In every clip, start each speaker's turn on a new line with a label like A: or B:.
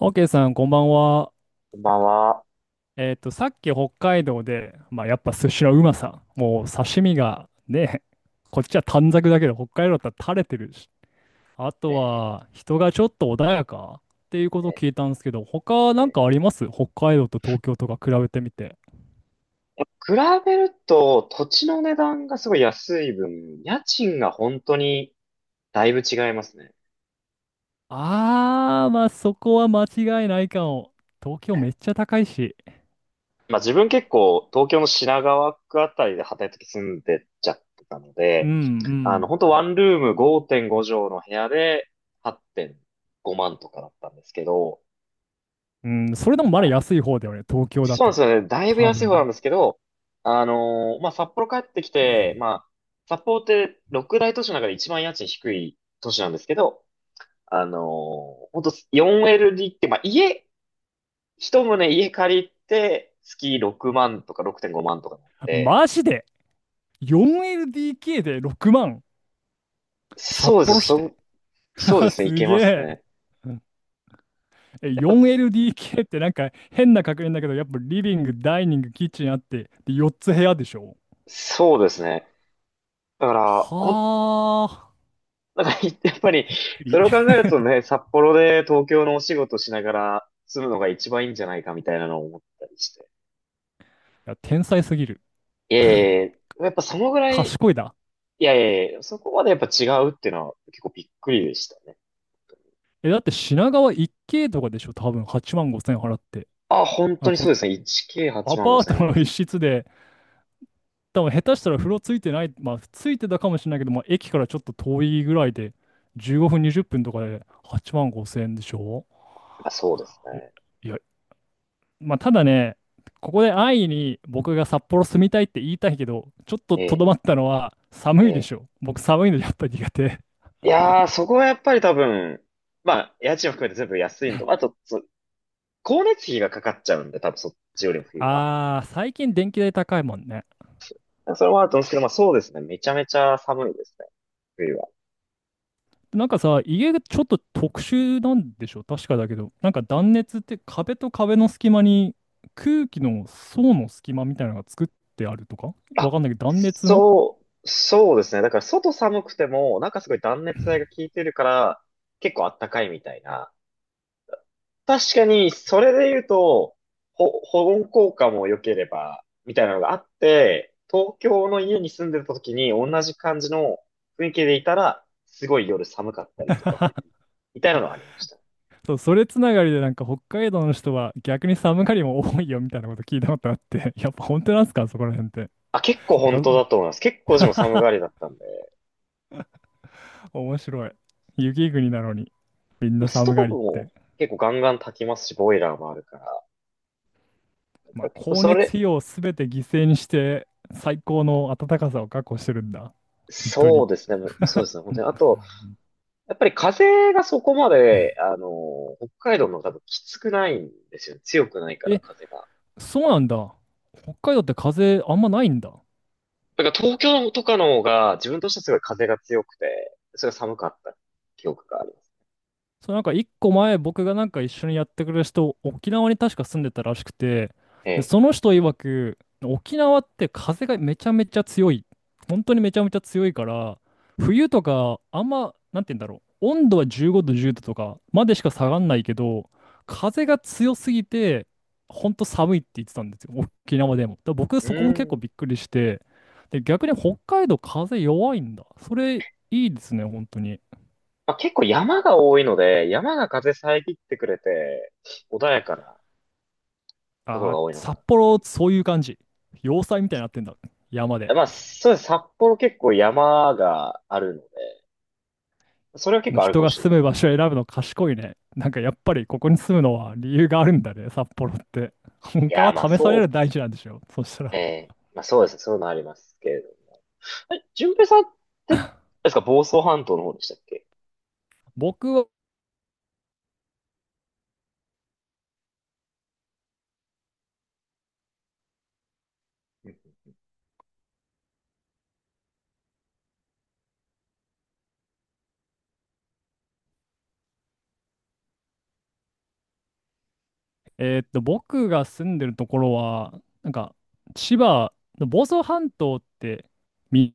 A: オーケーさん、こんばんは。
B: こんばんは。
A: さっき北海道で、まあ、やっぱ寿司のうまさ、もう刺身がね、こっちは短冊だけど、北海道だったら垂れてるし、あ
B: え
A: と
B: ー
A: は人がちょっと穏やかっていうことを
B: え
A: 聞いたんですけど、他
B: ー
A: なん
B: え
A: かあ
B: ー
A: ります北海道と東京とか比べてみて。
B: 比べると土地の値段がすごい安い分、家賃が本当にだいぶ違いますね。
A: あー、まあそこは間違いないかも。東京
B: は
A: め
B: い、
A: っちゃ高いし。
B: まあ自分結構東京の品川区あたりで働いてき住んでっちゃってたの
A: う
B: で、あの
A: ん
B: 本当ワンルーム5.5畳の部屋で8.5万とかだったんですけど、
A: うん。うん、それでもまだ安い方だよね、東京だ
B: そうなんです
A: と。
B: よね。だいぶ
A: 多
B: 安い方なん
A: 分。
B: ですけど、まあ、札幌帰ってきて、まあ、札幌って六大都市の中で一番家賃低い都市なんですけど、ほんと 4LD って、まあ、一棟家借りて、月6万とか6.5万とかなって、
A: マジで、 4LDK で6万。札
B: そうで
A: 幌
B: す、
A: 市
B: そ
A: で。
B: ん、そうですね、い
A: す
B: けま
A: げ
B: す
A: え。
B: ね。
A: え、
B: やっぱ、
A: 4LDK ってなんか変な確認だけど、やっぱリビング、ダイニング、キッチンあって、で、4つ部屋でしょ。
B: そうですね。だから、
A: はあ。
B: なんか、やっぱり、
A: びっくり。
B: それを考
A: い
B: えるとね、札幌で東京のお仕事しながら住むのが一番いいんじゃないかみたいなのを思ったりして。
A: や、天才すぎる。
B: いやいやいや、やっぱそのぐらい、
A: 賢いだ。
B: いやいやいや、そこまでやっぱ違うっていうのは結構びっくりでしたね。
A: え、だって品川一 k とかでしょ、多分8万5千払って。
B: あ、本
A: あ、
B: 当に
A: こ、
B: そうですね。
A: ア
B: 1K8 万5
A: パート
B: 0円ぐら
A: の
B: いです
A: 一
B: ね。
A: 室で多分下手したら風呂ついてない、まあついてたかもしれないけど、まあ駅からちょっと遠いぐらいで、15分、20分とかで8万5千円でしょ。
B: あ、そうです
A: え、
B: ね。
A: いや、まあただね、ここで安易に僕が札幌住みたいって言いたいけど、ちょっと
B: え
A: と
B: え、
A: どまったのは
B: え
A: 寒いで
B: え。
A: しょ。僕寒いのやっぱ苦手。
B: いやー、そこはやっぱり多分、まあ、家賃を含めて全部安いのと、あと、光熱費がかかっちゃうんで、多分そっちよりも 冬は。
A: あー、最近電気代高いもんね。
B: それもあると思うんですけど、まあそうですね。めちゃめちゃ寒いですね。冬は。
A: なんかさ、家がちょっと特殊なんでしょ確かだけど。なんか断熱って壁と壁の隙間に空気の層の隙間みたいなのが作ってあるとか、わ
B: あ、
A: かんないけど断熱の。
B: そうですね。だから外寒くても、なんかすごい断熱材が効いてるから、結構あったかいみたいな。確かに、それで言うと、保温効果も良ければ、みたいなのがあって、東京の家に住んでた時に同じ感じの雰囲気でいたら、すごい夜寒かったりとか、みたいなのはありました。
A: そう、それつながりでなんか北海道の人は逆に寒がりも多いよみたいなこと聞いたことあって、 やっぱ本当なんすかそこら辺って。
B: あ、結構
A: な
B: 本
A: ん
B: 当だ
A: か
B: と思います。結構自も寒がりだったんで、
A: 面白い。雪国なのにみんな
B: スト
A: 寒
B: ー
A: が
B: ブ
A: りっ
B: も
A: て。
B: 結構ガンガン炊きますし、ボイラーもあるから、だか
A: まあ
B: ら結構
A: 光
B: そ
A: 熱
B: れ、
A: 費用を全て犠牲にして最高の暖かさを確保してるんだ。本当
B: そう
A: に。
B: ですね。そうですね。本当に。あと、やっぱり風がそこまで、北海道の方がきつくないんですよね。強くないから、
A: え、
B: 風が。
A: そうなんだ。北海道って風あんまないんだ。
B: だから東京とかの方が、自分としてはすごい風が強くて、それが寒かった記憶があります。
A: そう、なんか一個前僕がなんか一緒にやってくれる人、沖縄に確か住んでたらしくて、
B: え
A: で、
B: え。
A: その人曰く、沖縄って風がめちゃめちゃ強い。本当にめちゃめちゃ強いから、冬とかあんま、なんて言うんだろう。温度は15度、10度とかまでしか下
B: はい、
A: がんないけど、
B: ね、
A: 風が強すぎて、本当寒いって言ってたんですよ。沖縄でも。だから僕
B: う
A: そこも結構びっ
B: ん。
A: くりして、で、逆に北海道風弱いんだ。それいいですね、本当に。
B: まあ、結構山が多いので、山が風遮ってくれて、穏やかなところ
A: ああ、
B: が多いのかな
A: 札
B: ってい
A: 幌、
B: う。い
A: そういう感じ。要塞みたいになってんだ。山
B: や、
A: で。
B: まあ、そうです。札幌結構山があるので、それは結構ある
A: 人
B: かも
A: が
B: しれない
A: 住
B: で
A: む
B: す。
A: 場所を選ぶの賢いね。なんかやっぱりここに住むのは理由があるんだね、札幌って。
B: い
A: 他
B: や、
A: は
B: まあ、
A: 試される大事なんでしょ。そした
B: え
A: ら。
B: え、まあそうですね、そういうのありますけれど。え、淳平さんって、あれですか、房総半島の方でしたっけ？
A: 僕は、
B: うん、
A: 僕が住んでるところは、なんか、千葉の房総半島ってみ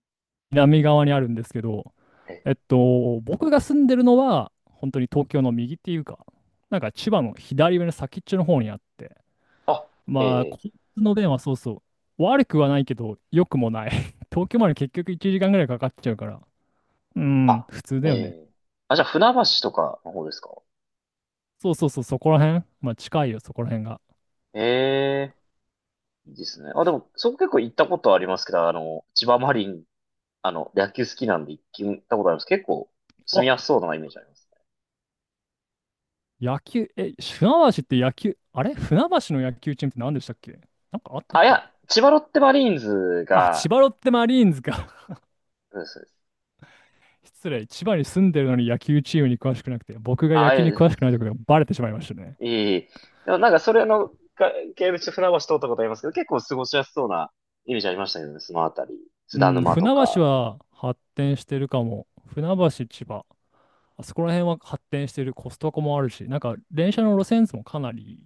A: 南側にあるんですけど、
B: え、
A: 僕が住んでるのは、本当に東京の右っていうか、なんか千葉の左上の先っちょの方にあって、
B: あ、え
A: まあ、
B: え、
A: 交通の便はそうそう。悪くはないけど、良くもない。東京まで結局1時間ぐらいかかっちゃうから。うん、
B: あ、
A: 普通だ
B: え
A: よね。
B: え。あ、じゃあ船橋とかの方ですか？
A: そうそうそう、そこら辺。まあ、近いよ、そこら辺が。
B: ええ、いいですね。あ、でも、そこ結構行ったことありますけど、あの、千葉マリン、あの、野球好きなんで行ったことあります。結構、住
A: あ、
B: みやすそうなイメージありますね。
A: 野球、え、船橋って野球、あれ船橋の野球チームって何でしたっけ？なんかあったっ
B: あ、い
A: け？
B: や、千葉ロッテマリーンズ
A: あ、千
B: が、
A: 葉ロッテマリーンズか。
B: そうです。そうです。
A: 失礼、千葉に住んでるのに野球チームに詳しくなくて、僕が野球に
B: あ、え
A: 詳
B: え、
A: しくないところがバレてしまいましたね。
B: いい。でもなんかそれのか系でちょっと船橋通ったことありますけど、結構過ごしやすそうなイメージありましたけどね、そのあたり。津
A: う
B: 田
A: ん、
B: 沼と
A: 船橋
B: か。
A: は発展してるかも。船橋、千葉。あそこら辺は発展してるコストコもあるし、なんか電車の路線図もかなり、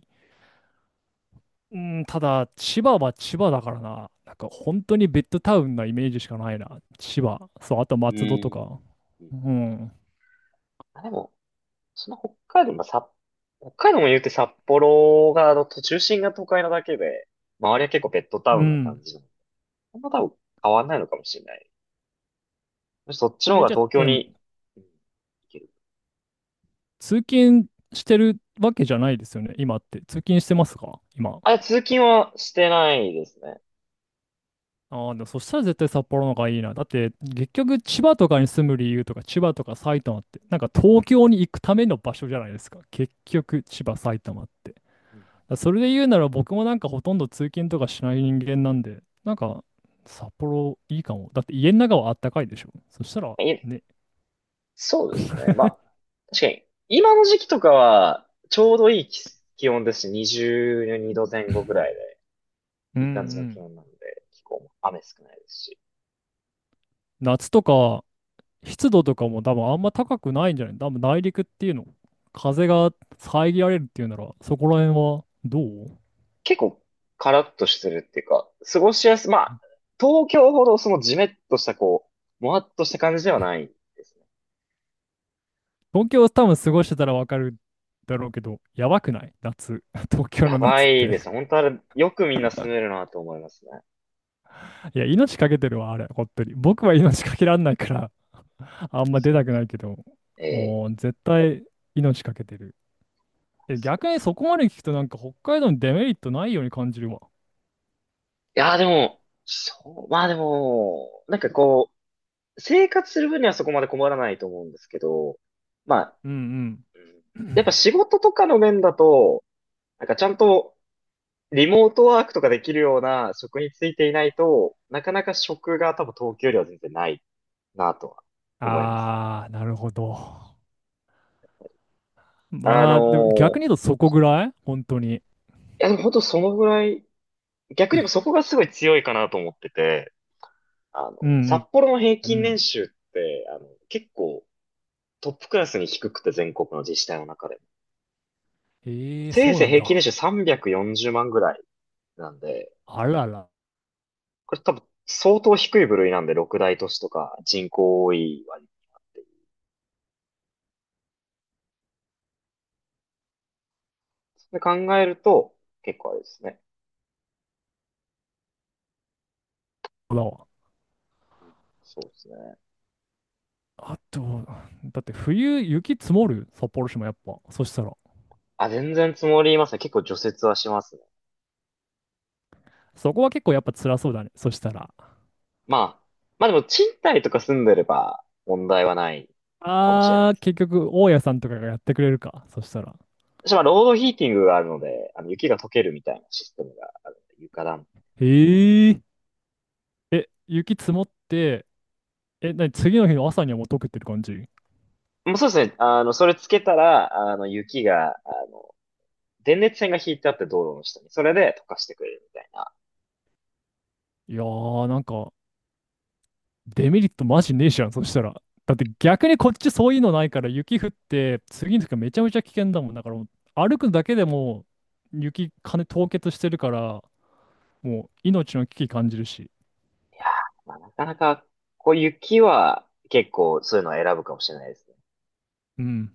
A: うん、ただ千葉は千葉だからな、なんか本当にベッドタウンなイメージしかないな、千葉。そう、あと
B: う
A: 松戸と
B: ー
A: か。
B: ん。うん。
A: うん。
B: あ、でも、その北海道、まあ、北海道も言うて札幌が、の中心が都会なだけで、周りは結構ベッドタ
A: う
B: ウンな感
A: ん。
B: じなの。あんま多分変わんないのかもしれない。むしろそっちの方
A: え、
B: が
A: じゃあ、
B: 東京
A: え、でも
B: に、うん、行ける。
A: 通勤してるわけじゃないですよね、今って。通勤してますか今。
B: あ、通勤はしてないですね。
A: ああ、でもそしたら絶対札幌の方がいいな。だって、結局千葉とかに住む理由とか、千葉とか埼玉って、なんか東京に行くための場所じゃないですか。結局、千葉、埼玉って。
B: う
A: だそれで言うなら僕もなんかほとんど通勤とかしない人間なんで、なんか札幌いいかも。だって家の中はあったかいでしょ。そしたら
B: ん、
A: ね、
B: そうですね。まあ、確かに、今の時期とかは、ちょうどいい気温ですし、22度前後ぐらい
A: う
B: で、
A: ん
B: いい感じの
A: う
B: 気
A: ん。
B: 温なので、気候も雨少ないですし、
A: 夏とか湿度とかも多分あんま高くないんじゃない、多分内陸っていうの、風が遮られるっていうなら、そこら辺はどう。
B: 結構カラッとしてるっていうか、過ごしやす、まあ、東京ほどそのジメッとしたこう、もわっとした感じではないですね。
A: 東京多分過ごしてたらわかるだろうけど、やばくない夏。東京
B: や
A: の
B: ば
A: 夏っ
B: いです
A: て。
B: ね。本当あれ、よくみんな住めるなと思いますね。
A: いや、命かけてるわ、あれ、本当に。僕は命かけらんないから、あんま出
B: そう
A: た
B: で
A: くな
B: す。
A: いけど、
B: え
A: おー
B: え、
A: 絶対命かけてる。え、
B: そう
A: 逆
B: で
A: に
B: す。
A: そこまで聞くとなんか北海道にデメリットないように感じるわ。
B: いやーでも、そう、まあでも、なんかこう、生活する分にはそこまで困らないと思うんですけど、まあ、
A: うん
B: うん、
A: う
B: やっぱ
A: ん。
B: 仕 事とかの面だと、なんかちゃんとリモートワークとかできるような職についていないと、なかなか職が多分東京よりは全然ないなとは思いますね。
A: あー、なるほど。
B: あの
A: まあ、でも逆
B: ー
A: に言うとそこぐらい本当に。
B: いやでも本当そのぐらい、逆に
A: う
B: 言え
A: ん。
B: ばそこがすごい強いかなと思ってて、
A: う
B: 札
A: ん
B: 幌の平
A: うんう
B: 均年
A: ん。
B: 収って、結構トップクラスに低くて全国の自治体の中でも。
A: えー、
B: せい
A: そう
B: ぜい
A: なん
B: 平均年
A: だ。
B: 収340万ぐらい。なんで、
A: あらら。
B: これ多分相当低い部類なんで、六大都市とか人口多い割になっている。そ考えると、結構あれですね。
A: だわ。
B: そうですね。
A: あと、だって冬雪積もる札幌市もやっぱ。そしたら。
B: あ、全然積もりますね。結構除雪はしますね。
A: そこは結構やっぱ辛そうだね。そしたら。
B: まあ、まあ、でも賃貸とか住んでれば問題はないかもしれない
A: あ
B: で
A: ー、
B: すね。
A: 結局大家さんとかがやってくれるか。そしたら。
B: 私はロードヒーティングがあるので、あの雪が溶けるみたいなシステムがあるので、床暖。
A: へえ。え、雪積もって、え、なに、次の日の朝にはもう溶けてる感じ？
B: もうそうですね。それつけたら、あの、雪が、あ電熱線が引いてあって道路の下に、それで溶かしてくれるみたいな。
A: いやー、なんか、デメリットマジねえじゃん、そしたら。だって逆にこっちそういうのないから、雪降って、次の日がめちゃめちゃ危険だもん。だからもう、歩くだけでも、雪、金凍結してるから、もう、命の危機感じるし。
B: まあ、なかなか、こう雪は結構そういうのを選ぶかもしれないです。
A: うん。